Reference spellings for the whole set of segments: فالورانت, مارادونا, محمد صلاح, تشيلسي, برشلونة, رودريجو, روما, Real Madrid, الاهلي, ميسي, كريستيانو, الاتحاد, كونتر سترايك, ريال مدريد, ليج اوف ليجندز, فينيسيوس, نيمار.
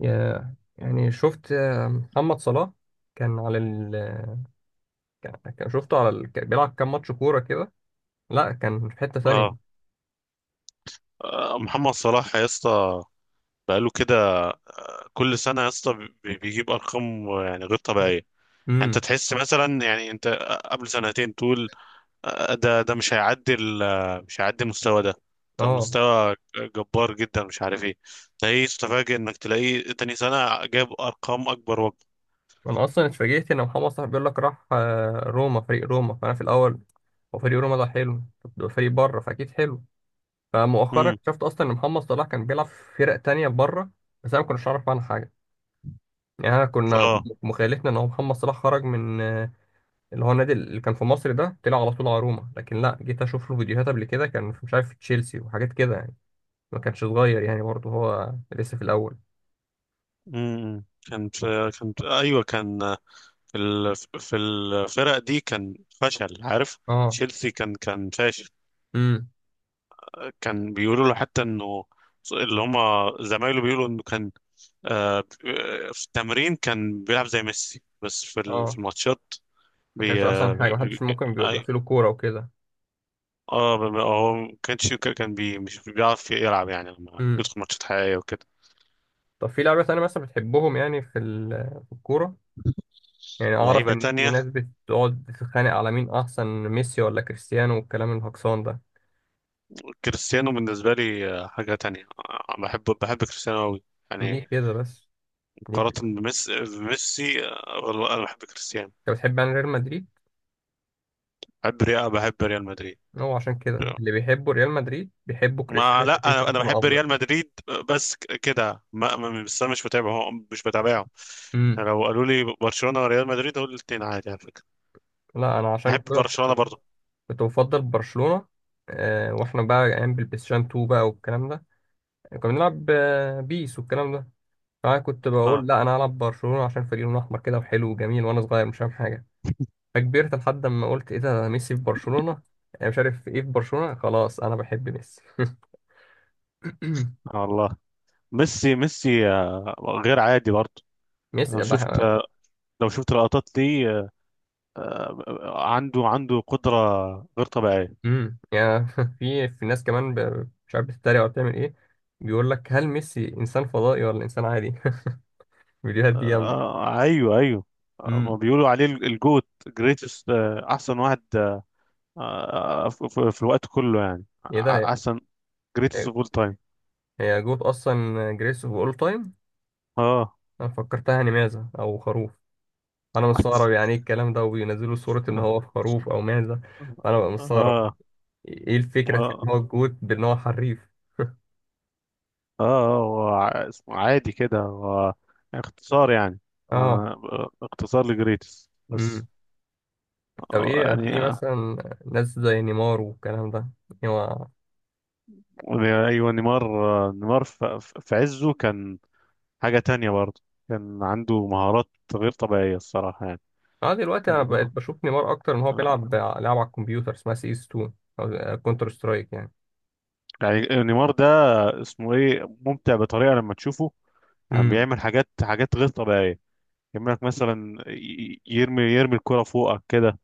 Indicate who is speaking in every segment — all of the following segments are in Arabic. Speaker 1: يعني شفت، محمد صلاح كان على ال شفته على ال كان بيلعب كام ماتش كورة كده. لا، كان في حتة ثانية.
Speaker 2: اه. محمد صلاح يا اسطى، بقاله كده كل سنه يا اسطى، بيجيب ارقام يعني غير طبيعيه، يعني. انت
Speaker 1: امم
Speaker 2: تحس مثلا، يعني انت قبل سنتين تقول: ده مش هيعدي مش هيعدي المستوى ده، ده
Speaker 1: اه.
Speaker 2: مستوى جبار جدا، مش عارف ايه. تلاقيه، تفاجئ انك تلاقيه تاني سنه جاب ارقام اكبر وأكبر.
Speaker 1: انا اصلا اتفاجئت ان محمد صلاح بيقول لك راح روما، فريق روما، فانا في الاول. هو فريق روما ده حلو؟ طب ده فريق بره، فاكيد حلو. فمؤخرا
Speaker 2: امم.
Speaker 1: اكتشفت اصلا ان محمد صلاح كان بيلعب في فرق تانية بره. بس انا ما كنتش اعرف عنها حاجة. يعني انا كنا
Speaker 2: اه.
Speaker 1: مخيلتنا ان هو محمد صلاح خرج من، اللي هو النادي اللي كان في مصر ده، طلع على طول على روما. لكن لا، جيت اشوف له فيديوهات قبل كده كان في- مش عارف، في تشيلسي وحاجات كده يعني. ما كانش صغير يعني برضه، هو لسه في الاول.
Speaker 2: كان في ايوه، كان في الفرق دي كان فشل، عارف.
Speaker 1: اه.
Speaker 2: تشيلسي كان فاشل.
Speaker 1: امم
Speaker 2: كان بيقولوا له حتى انه، اللي هم زمايله بيقولوا انه كان آه، في التمرين كان بيلعب زي ميسي، بس في
Speaker 1: اه.
Speaker 2: الماتشات
Speaker 1: ما
Speaker 2: بي
Speaker 1: كانش احسن
Speaker 2: اه
Speaker 1: حاجه،
Speaker 2: بي-
Speaker 1: محدش ممكن بيبقى
Speaker 2: أي-
Speaker 1: في له كوره وكده.
Speaker 2: هو ما كانش، كان مش بيعرف يلعب يعني لما
Speaker 1: امم
Speaker 2: يدخل ماتشات حقيقية وكده.
Speaker 1: طب في لعيبه تانية مثلا بتحبهم، يعني في ال- في الكوره؟ يعني اعرف
Speaker 2: لعيبة
Speaker 1: ان في
Speaker 2: تانية:
Speaker 1: ناس بتقعد تتخانق على مين احسن، ميسي ولا كريستيانو والكلام الهكسان ده.
Speaker 2: كريستيانو بالنسبة لي حاجة تانية، بحب كريستيانو أوي يعني،
Speaker 1: ليه كده بس؟ ليه كده؟
Speaker 2: مقارنة بميسي، والله أنا بحب كريستيانو.
Speaker 1: انت بتحب يعني ريال مدريد؟
Speaker 2: بحب ريال مدريد.
Speaker 1: هو عشان كده اللي بيحبوا ريال مدريد بيحبوا
Speaker 2: ما
Speaker 1: كريستيانو،
Speaker 2: لا،
Speaker 1: شايفين
Speaker 2: انا
Speaker 1: كريستيانو
Speaker 2: بحب
Speaker 1: افضل.
Speaker 2: ريال مدريد بس، كده بس انا مش متابعه، هو مش بتابعه.
Speaker 1: امم
Speaker 2: لو قالوا لي برشلونة وريال مدريد، اقول الاثنين عادي على فكرة،
Speaker 1: لا، انا عشان
Speaker 2: بحب
Speaker 1: كده
Speaker 2: برشلونة برضو.
Speaker 1: كنت بفضل برشلونة. واحنا بقى ايام بالبلايستيشن 2 بقى والكلام ده، كنا بنلعب بيس والكلام ده. فانا كنت
Speaker 2: اه.
Speaker 1: بقول لا، انا هلعب برشلونة عشان فريق لونه احمر كده وحلو وجميل، وانا صغير مش فاهم حاجة. فكبرت لحد ما قلت ايه ده، ميسي في برشلونة؟ أنا مش عارف ايه في برشلونة، خلاص انا بحب ميسي.
Speaker 2: آه والله، ميسي غير عادي برضو. لو
Speaker 1: ميسي
Speaker 2: شفت
Speaker 1: بح-
Speaker 2: لو شفت لقطات ليه، عنده قدرة غير طبيعية.
Speaker 1: يعني في في ناس كمان ب- مش عارف بتتريق ولا بتعمل ايه، بيقول لك هل ميسي انسان فضائي ولا انسان عادي. الفيديوهات دي جامدة.
Speaker 2: آه ايوه ايوه. ما
Speaker 1: امم
Speaker 2: بيقولوا عليه الجوت جريتست، احسن واحد، في الوقت كله يعني،
Speaker 1: ايه ده؟
Speaker 2: احسن. جريتست
Speaker 1: أيوة.
Speaker 2: اوف اول تايم.
Speaker 1: هي جوت اصلا، جريس باول تايم.
Speaker 2: اه.
Speaker 1: انا فكرتها يعني معزه او خروف. انا مستغرب يعني ايه الكلام ده، وبينزلوا صوره ان هو في خروف او معزه. فانا بقى مستغرب
Speaker 2: اه.
Speaker 1: ايه الفكره في ان
Speaker 2: اه.
Speaker 1: هو الجوت، بان هو حريف.
Speaker 2: اه. هو اسمه عادي كده، هو اختصار يعني.
Speaker 1: اه.
Speaker 2: انا، اختصار لجريتس
Speaker 1: امم
Speaker 2: بس.
Speaker 1: طب ايه،
Speaker 2: يعني
Speaker 1: في مثلا ناس زي نيمار والكلام ده؟ هو
Speaker 2: ايوه نيمار. نيمار في عزه كان حاجة تانية برضه، كان عنده مهارات غير طبيعية الصراحة يعني.
Speaker 1: اه، دلوقتي انا
Speaker 2: كان
Speaker 1: بقيت بشوف نيمار اكتر ان هو بيلعب
Speaker 2: آه،
Speaker 1: ع- لعب على الكمبيوتر اسمها سي اس 2، او كونتر سترايك يعني.
Speaker 2: يعني نيمار ده، اسمه ايه، ممتع بطريقة لما تشوفه، يعني
Speaker 1: امم
Speaker 2: بيعمل حاجات غير طبيعية، يعمل لك مثلا يرمي الكرة فوقك كده.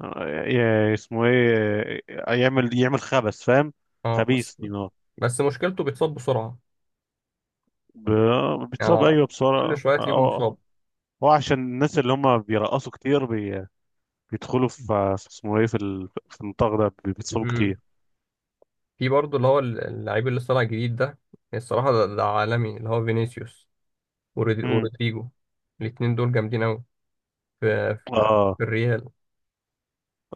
Speaker 2: اسمه ايه، يعمل خبث فاهم.
Speaker 1: اه. بس
Speaker 2: خبيث دي نار.
Speaker 1: بس مشكلته بيتصاب بسرعه.
Speaker 2: بيتصاب،
Speaker 1: يعني
Speaker 2: ايوه
Speaker 1: كل
Speaker 2: بسرعه
Speaker 1: شويه
Speaker 2: اه.
Speaker 1: تلاقيه
Speaker 2: آه.
Speaker 1: مصاب.
Speaker 2: هو عشان الناس اللي هم بيرقصوا كتير بيدخلوا في، في اسمه ايه، في، في النطاق ده بيتصابوا كتير.
Speaker 1: في برضه اللي هو اللعيب اللي لسه طالع جديد ده يعني، الصراحة ده عالمي، اللي هو فينيسيوس، ورودي-
Speaker 2: امم.
Speaker 1: ورودريجو. الاتنين دول جامدين أوي. في, في,
Speaker 2: اه.
Speaker 1: في الريال.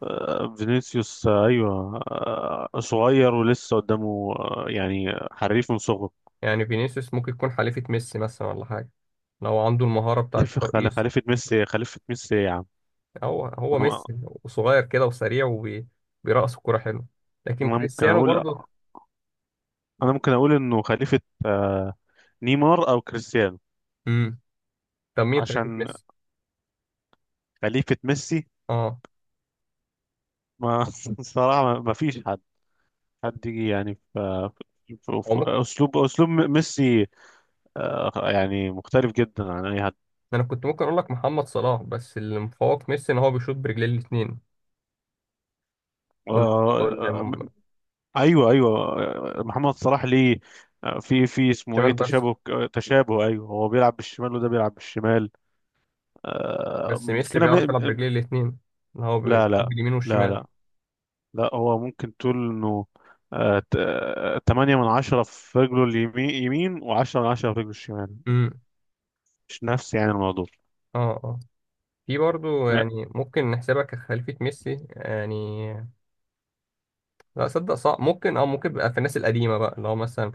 Speaker 2: فينيسيوس، ايوه صغير ولسه قدامه، يعني حريف من صغره.
Speaker 1: يعني فينيسيوس ممكن يكون حليفة ميسي مثلا ولا حاجة، لو عنده المهارة بتاعة
Speaker 2: خليفه
Speaker 1: الترقيص.
Speaker 2: خليفه ميسي، خليفه ميسي يا عم.
Speaker 1: هو هو
Speaker 2: انا،
Speaker 1: ميسي، وصغير كده وسريع وبيرقص الكورة حلو. لكن
Speaker 2: ممكن
Speaker 1: كريستيانو
Speaker 2: اقول،
Speaker 1: برضه.
Speaker 2: انه خليفه آه، نيمار او كريستيانو.
Speaker 1: امم طب مين خليفة
Speaker 2: عشان
Speaker 1: ميسي؟
Speaker 2: خليفة ميسي،
Speaker 1: اه.
Speaker 2: ما، الصراحة ما فيش حد، حد يجي يعني في
Speaker 1: هو
Speaker 2: في
Speaker 1: ممكن،
Speaker 2: أسلوب ميسي، يعني مختلف جدا عن أي حد.
Speaker 1: أنا كنت ممكن أقول لك محمد صلاح، بس اللي مفوق ميسي إن هو بيشوط برجليه الاتنين، وال-
Speaker 2: آه، آه،
Speaker 1: والشمال.
Speaker 2: أيوه أيوه. محمد صلاح ليه في اسمه ايه
Speaker 1: بس
Speaker 2: تشابه، تشابه، ايوه، هو بيلعب بالشمال وده بيلعب بالشمال.
Speaker 1: بس ميسي
Speaker 2: مشكلة
Speaker 1: بيعرف يلعب برجليه الاتنين، إن هو
Speaker 2: لا
Speaker 1: بيجيب
Speaker 2: لا،
Speaker 1: اليمين
Speaker 2: لا
Speaker 1: والشمال.
Speaker 2: لا. لا، هو ممكن تقول انه 8/10 في رجله اليمين يمين، وعشرة من عشرة في رجله الشمال.
Speaker 1: امم
Speaker 2: مش نفسي يعني الموضوع.
Speaker 1: اه اه. في برضه يعني ممكن نحسبها كخليفة ميسي يعني، لا صدق صعب. ممكن اه ممكن بقى في الناس القديمة بقى، اللي هو مثلا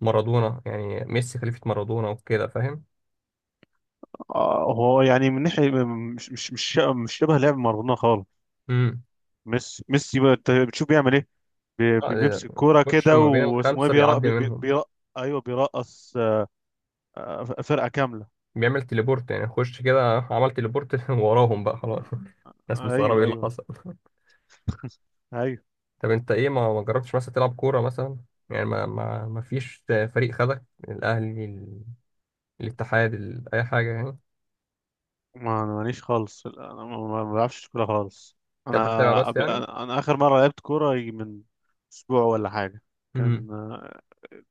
Speaker 1: مارادونا، يعني ميسي خليفة مارادونا وكده فاهم.
Speaker 2: هو يعني من ناحية مش شبه لعب مارادونا خالص.
Speaker 1: امم
Speaker 2: ميسي بقى، انت بتشوف بيعمل ايه؟
Speaker 1: آه، ده-
Speaker 2: بيمسك كورة
Speaker 1: خش
Speaker 2: كده،
Speaker 1: ما بين
Speaker 2: واسمه ايه،
Speaker 1: الخمسة،
Speaker 2: بيرق،
Speaker 1: بيعدي منهم.
Speaker 2: بيرق. ايوه بيرقص فرقة كاملة.
Speaker 1: بيعمل تليبورت يعني، خش كده عمل تليبورت وراهم بقى خلاص.
Speaker 2: آه،
Speaker 1: الناس مستغربة ايه
Speaker 2: ايوه
Speaker 1: اللي
Speaker 2: ايوه
Speaker 1: حصل.
Speaker 2: ايوه.
Speaker 1: طب انت ايه، ما جربتش مثلا تلعب كوره مثلا؟ يعني ما فيش فريق خدك؟ الاهلي، ال- الاتحاد، ال- اي حاجه يعني.
Speaker 2: ما انا ماليش خالص، انا ما بعرفش كورة خالص. انا
Speaker 1: انت بتتابع بس يعني.
Speaker 2: انا اخر مرة لعبت كورة يجي من اسبوع ولا حاجة. كان
Speaker 1: امم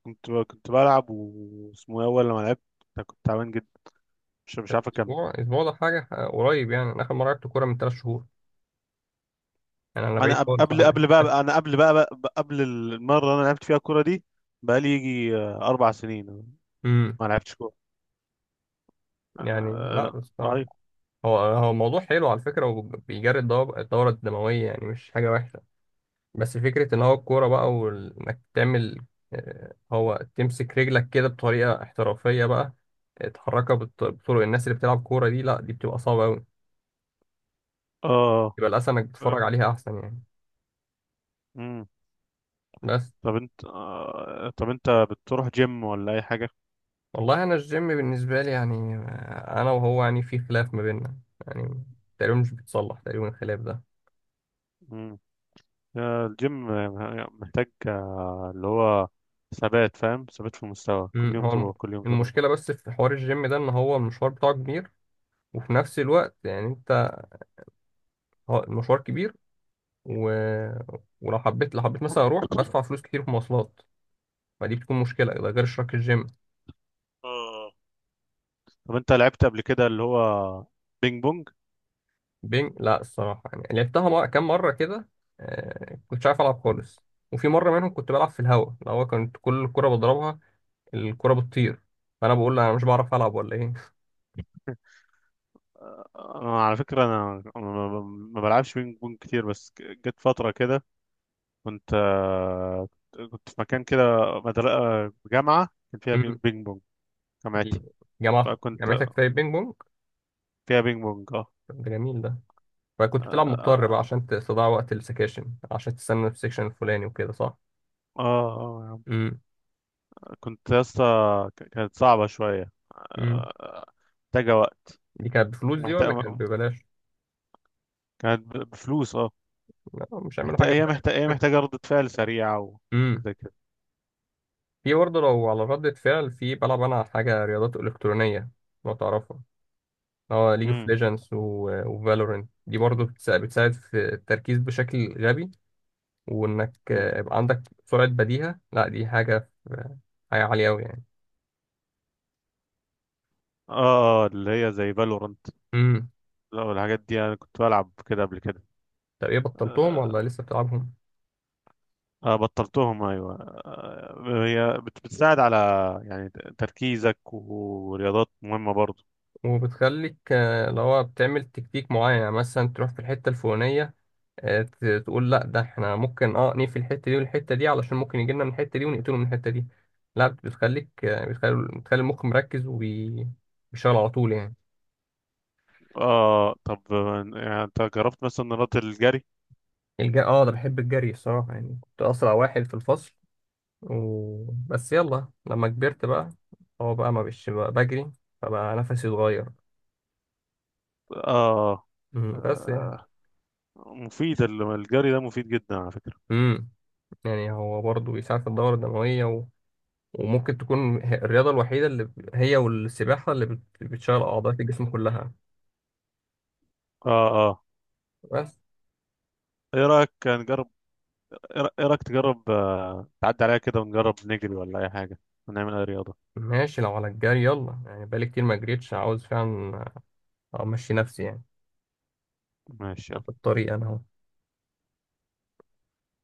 Speaker 2: كنت بلعب، واسمه ايه، اول لما لعبت كنت تعبان جدا، مش
Speaker 1: طب
Speaker 2: عارف اكمل.
Speaker 1: اسبوع، اسبوع ده حاجه قريب. يعني انا اخر مره لعبت كوره من ثلاث شهور، يعني انا
Speaker 2: انا
Speaker 1: بعيد خالص
Speaker 2: قبل
Speaker 1: عنك.
Speaker 2: قبل بقى، انا قبل بقى، بقى قبل المره اللي انا لعبت فيها الكوره دي بقى لي يجي 4 سنين
Speaker 1: امم
Speaker 2: ما لعبتش كوره. آه،
Speaker 1: يعني لا الصراحه.
Speaker 2: اي.
Speaker 1: هو هو موضوع حلو على فكره، وبيجري الدو- الدوره الدمويه، يعني مش حاجه وحشه. بس فكرة إن هو الكورة بقى، وإنك تعمل، هو تمسك رجلك كده بطريقة احترافية بقى، تحركها بالط- بطرق الناس اللي بتلعب كورة، دي لأ دي بتبقى صعبة أوي.
Speaker 2: اه.
Speaker 1: يبقى الأحسن إنك تتفرج
Speaker 2: آه،
Speaker 1: عليها أحسن يعني.
Speaker 2: امم.
Speaker 1: بس
Speaker 2: طب انت طب انت بتروح جيم ولا اي حاجه؟
Speaker 1: والله، أنا الجيم بالنسبة لي يعني، أنا وهو يعني في خلاف ما بيننا. يعني تقريبا مش بيتصلح تقريبا الخلاف ده.
Speaker 2: امم. الجيم محتاج اللي هو ثبات، فاهم، ثبات في المستوى، كل يوم
Speaker 1: هو الم-
Speaker 2: تروح كل يوم تروح.
Speaker 1: المشكلة بس في حوار الجيم ده إن هو المشوار بتاعه كبير، وفي نفس الوقت يعني أنت، هو المشوار كبير، و... ولو حبيت، لو حبيت مثلا اروح بدفع فلوس كتير في مواصلات، فدي بتكون مشكله، ده غير اشتراك الجيم.
Speaker 2: آه. طب انت لعبت قبل كده اللي هو بينج بونج؟
Speaker 1: بينج، لا الصراحه يعني لعبتها، مر... كام مره كده. كنتش عارف العب خالص. وفي مره منهم كنت بلعب في الهوا، اللي هو كنت كل كره بضربها الكره بتطير. فانا بقول لها انا مش بعرف العب ولا ايه.
Speaker 2: على فكرة، أنا ما ما بلعبش بينج بونج كتير، بس جت فترة كده، كنت كنت في مكان كده، مدرسة جامعة كان فيها
Speaker 1: أمم،
Speaker 2: بينج بونج،
Speaker 1: دي
Speaker 2: جامعتي
Speaker 1: جماعه،
Speaker 2: فكنت
Speaker 1: جامعتك في بينج بونج؟
Speaker 2: فيها بينج بونج اه.
Speaker 1: طب ده جميل ده. فكنت بتلعب مضطر بقى
Speaker 2: اه
Speaker 1: عشان تستضيع وقت السكاشن، عشان تستنى في السكشن الفلاني وكده صح.
Speaker 2: اه يا عم.
Speaker 1: امم
Speaker 2: كنت يا اسطى، كانت صعبة شوية
Speaker 1: امم
Speaker 2: محتاجة وقت،
Speaker 1: دي كانت بفلوس دي ولا كانت
Speaker 2: محتاجة
Speaker 1: ببلاش؟
Speaker 2: بفلوس اه،
Speaker 1: لا، مش هيعملوا
Speaker 2: محتاجة،
Speaker 1: حاجة
Speaker 2: هي
Speaker 1: ببلاش.
Speaker 2: محتاجة، هي محتاجة ردة فعل سريعة
Speaker 1: امم
Speaker 2: وزي كده.
Speaker 1: في برضه لو على ردة فعل، في بلعب أنا حاجة رياضات إلكترونية لو تعرفها. اه، ليج اوف
Speaker 2: امم.
Speaker 1: ليجندز وفالورنت، دي برضه بتسا- بتساعد في التركيز بشكل غبي. وإنك
Speaker 2: أمم.
Speaker 1: يبقى عندك سرعة بديهة، لا دي حاجة في- حاجة عالية أوي يعني.
Speaker 2: اه اللي هي زي فالورانت.
Speaker 1: امم
Speaker 2: لا، والحاجات دي انا كنت بلعب كده قبل كده.
Speaker 1: طب ايه، بطلتهم ولا
Speaker 2: آه،
Speaker 1: لسه بتلعبهم؟
Speaker 2: بطلتهم ايوه. آه، هي بتساعد على يعني تركيزك، ورياضات مهمة برضو.
Speaker 1: وبتخليك اللي هو بتعمل تكتيك معين، يعني مثلا تروح في الحتة الفلانية، تقول لا ده احنا ممكن اه نقفل الحته دي والحته دي، علشان ممكن يجي لنا من الحته دي ونقتله من الحته دي. لا، بتخليك بتخلي المخ مركز وبيشتغل على طول يعني.
Speaker 2: اه. طب يعني انت جربت مثلا رياضة الجري؟
Speaker 1: الج- اه، ده بحب الجري الصراحه يعني، كنت اسرع واحد في الفصل. و... بس يلا لما كبرت بقى، هو بقى ما بقتش بقى بجري، فبقى نفسي اتغير.
Speaker 2: اه،
Speaker 1: بس يعني.
Speaker 2: آه، مفيد الجري ده مفيد جدا على فكرة.
Speaker 1: امم يعني هو برضه بيساعد في الدورة الدموية، و... وممكن تكون هي- الرياضة الوحيدة اللي ب- هي والسباحة، اللي بت- بتشغل أعضاء الجسم كلها.
Speaker 2: اه اه.
Speaker 1: بس
Speaker 2: ايه رأيك نجرب؟ ايه إيه رأيك تجرب، آه، تعدي عليها كده ونجرب نجري ولا اي حاجة، ونعمل اي رياضة؟
Speaker 1: ماشي، لو على الجري يلا يعني، بقالي كتير ما جريتش، عاوز فعلا امشي، نفسي يعني.
Speaker 2: ماشي.
Speaker 1: في الطريق انا اهو.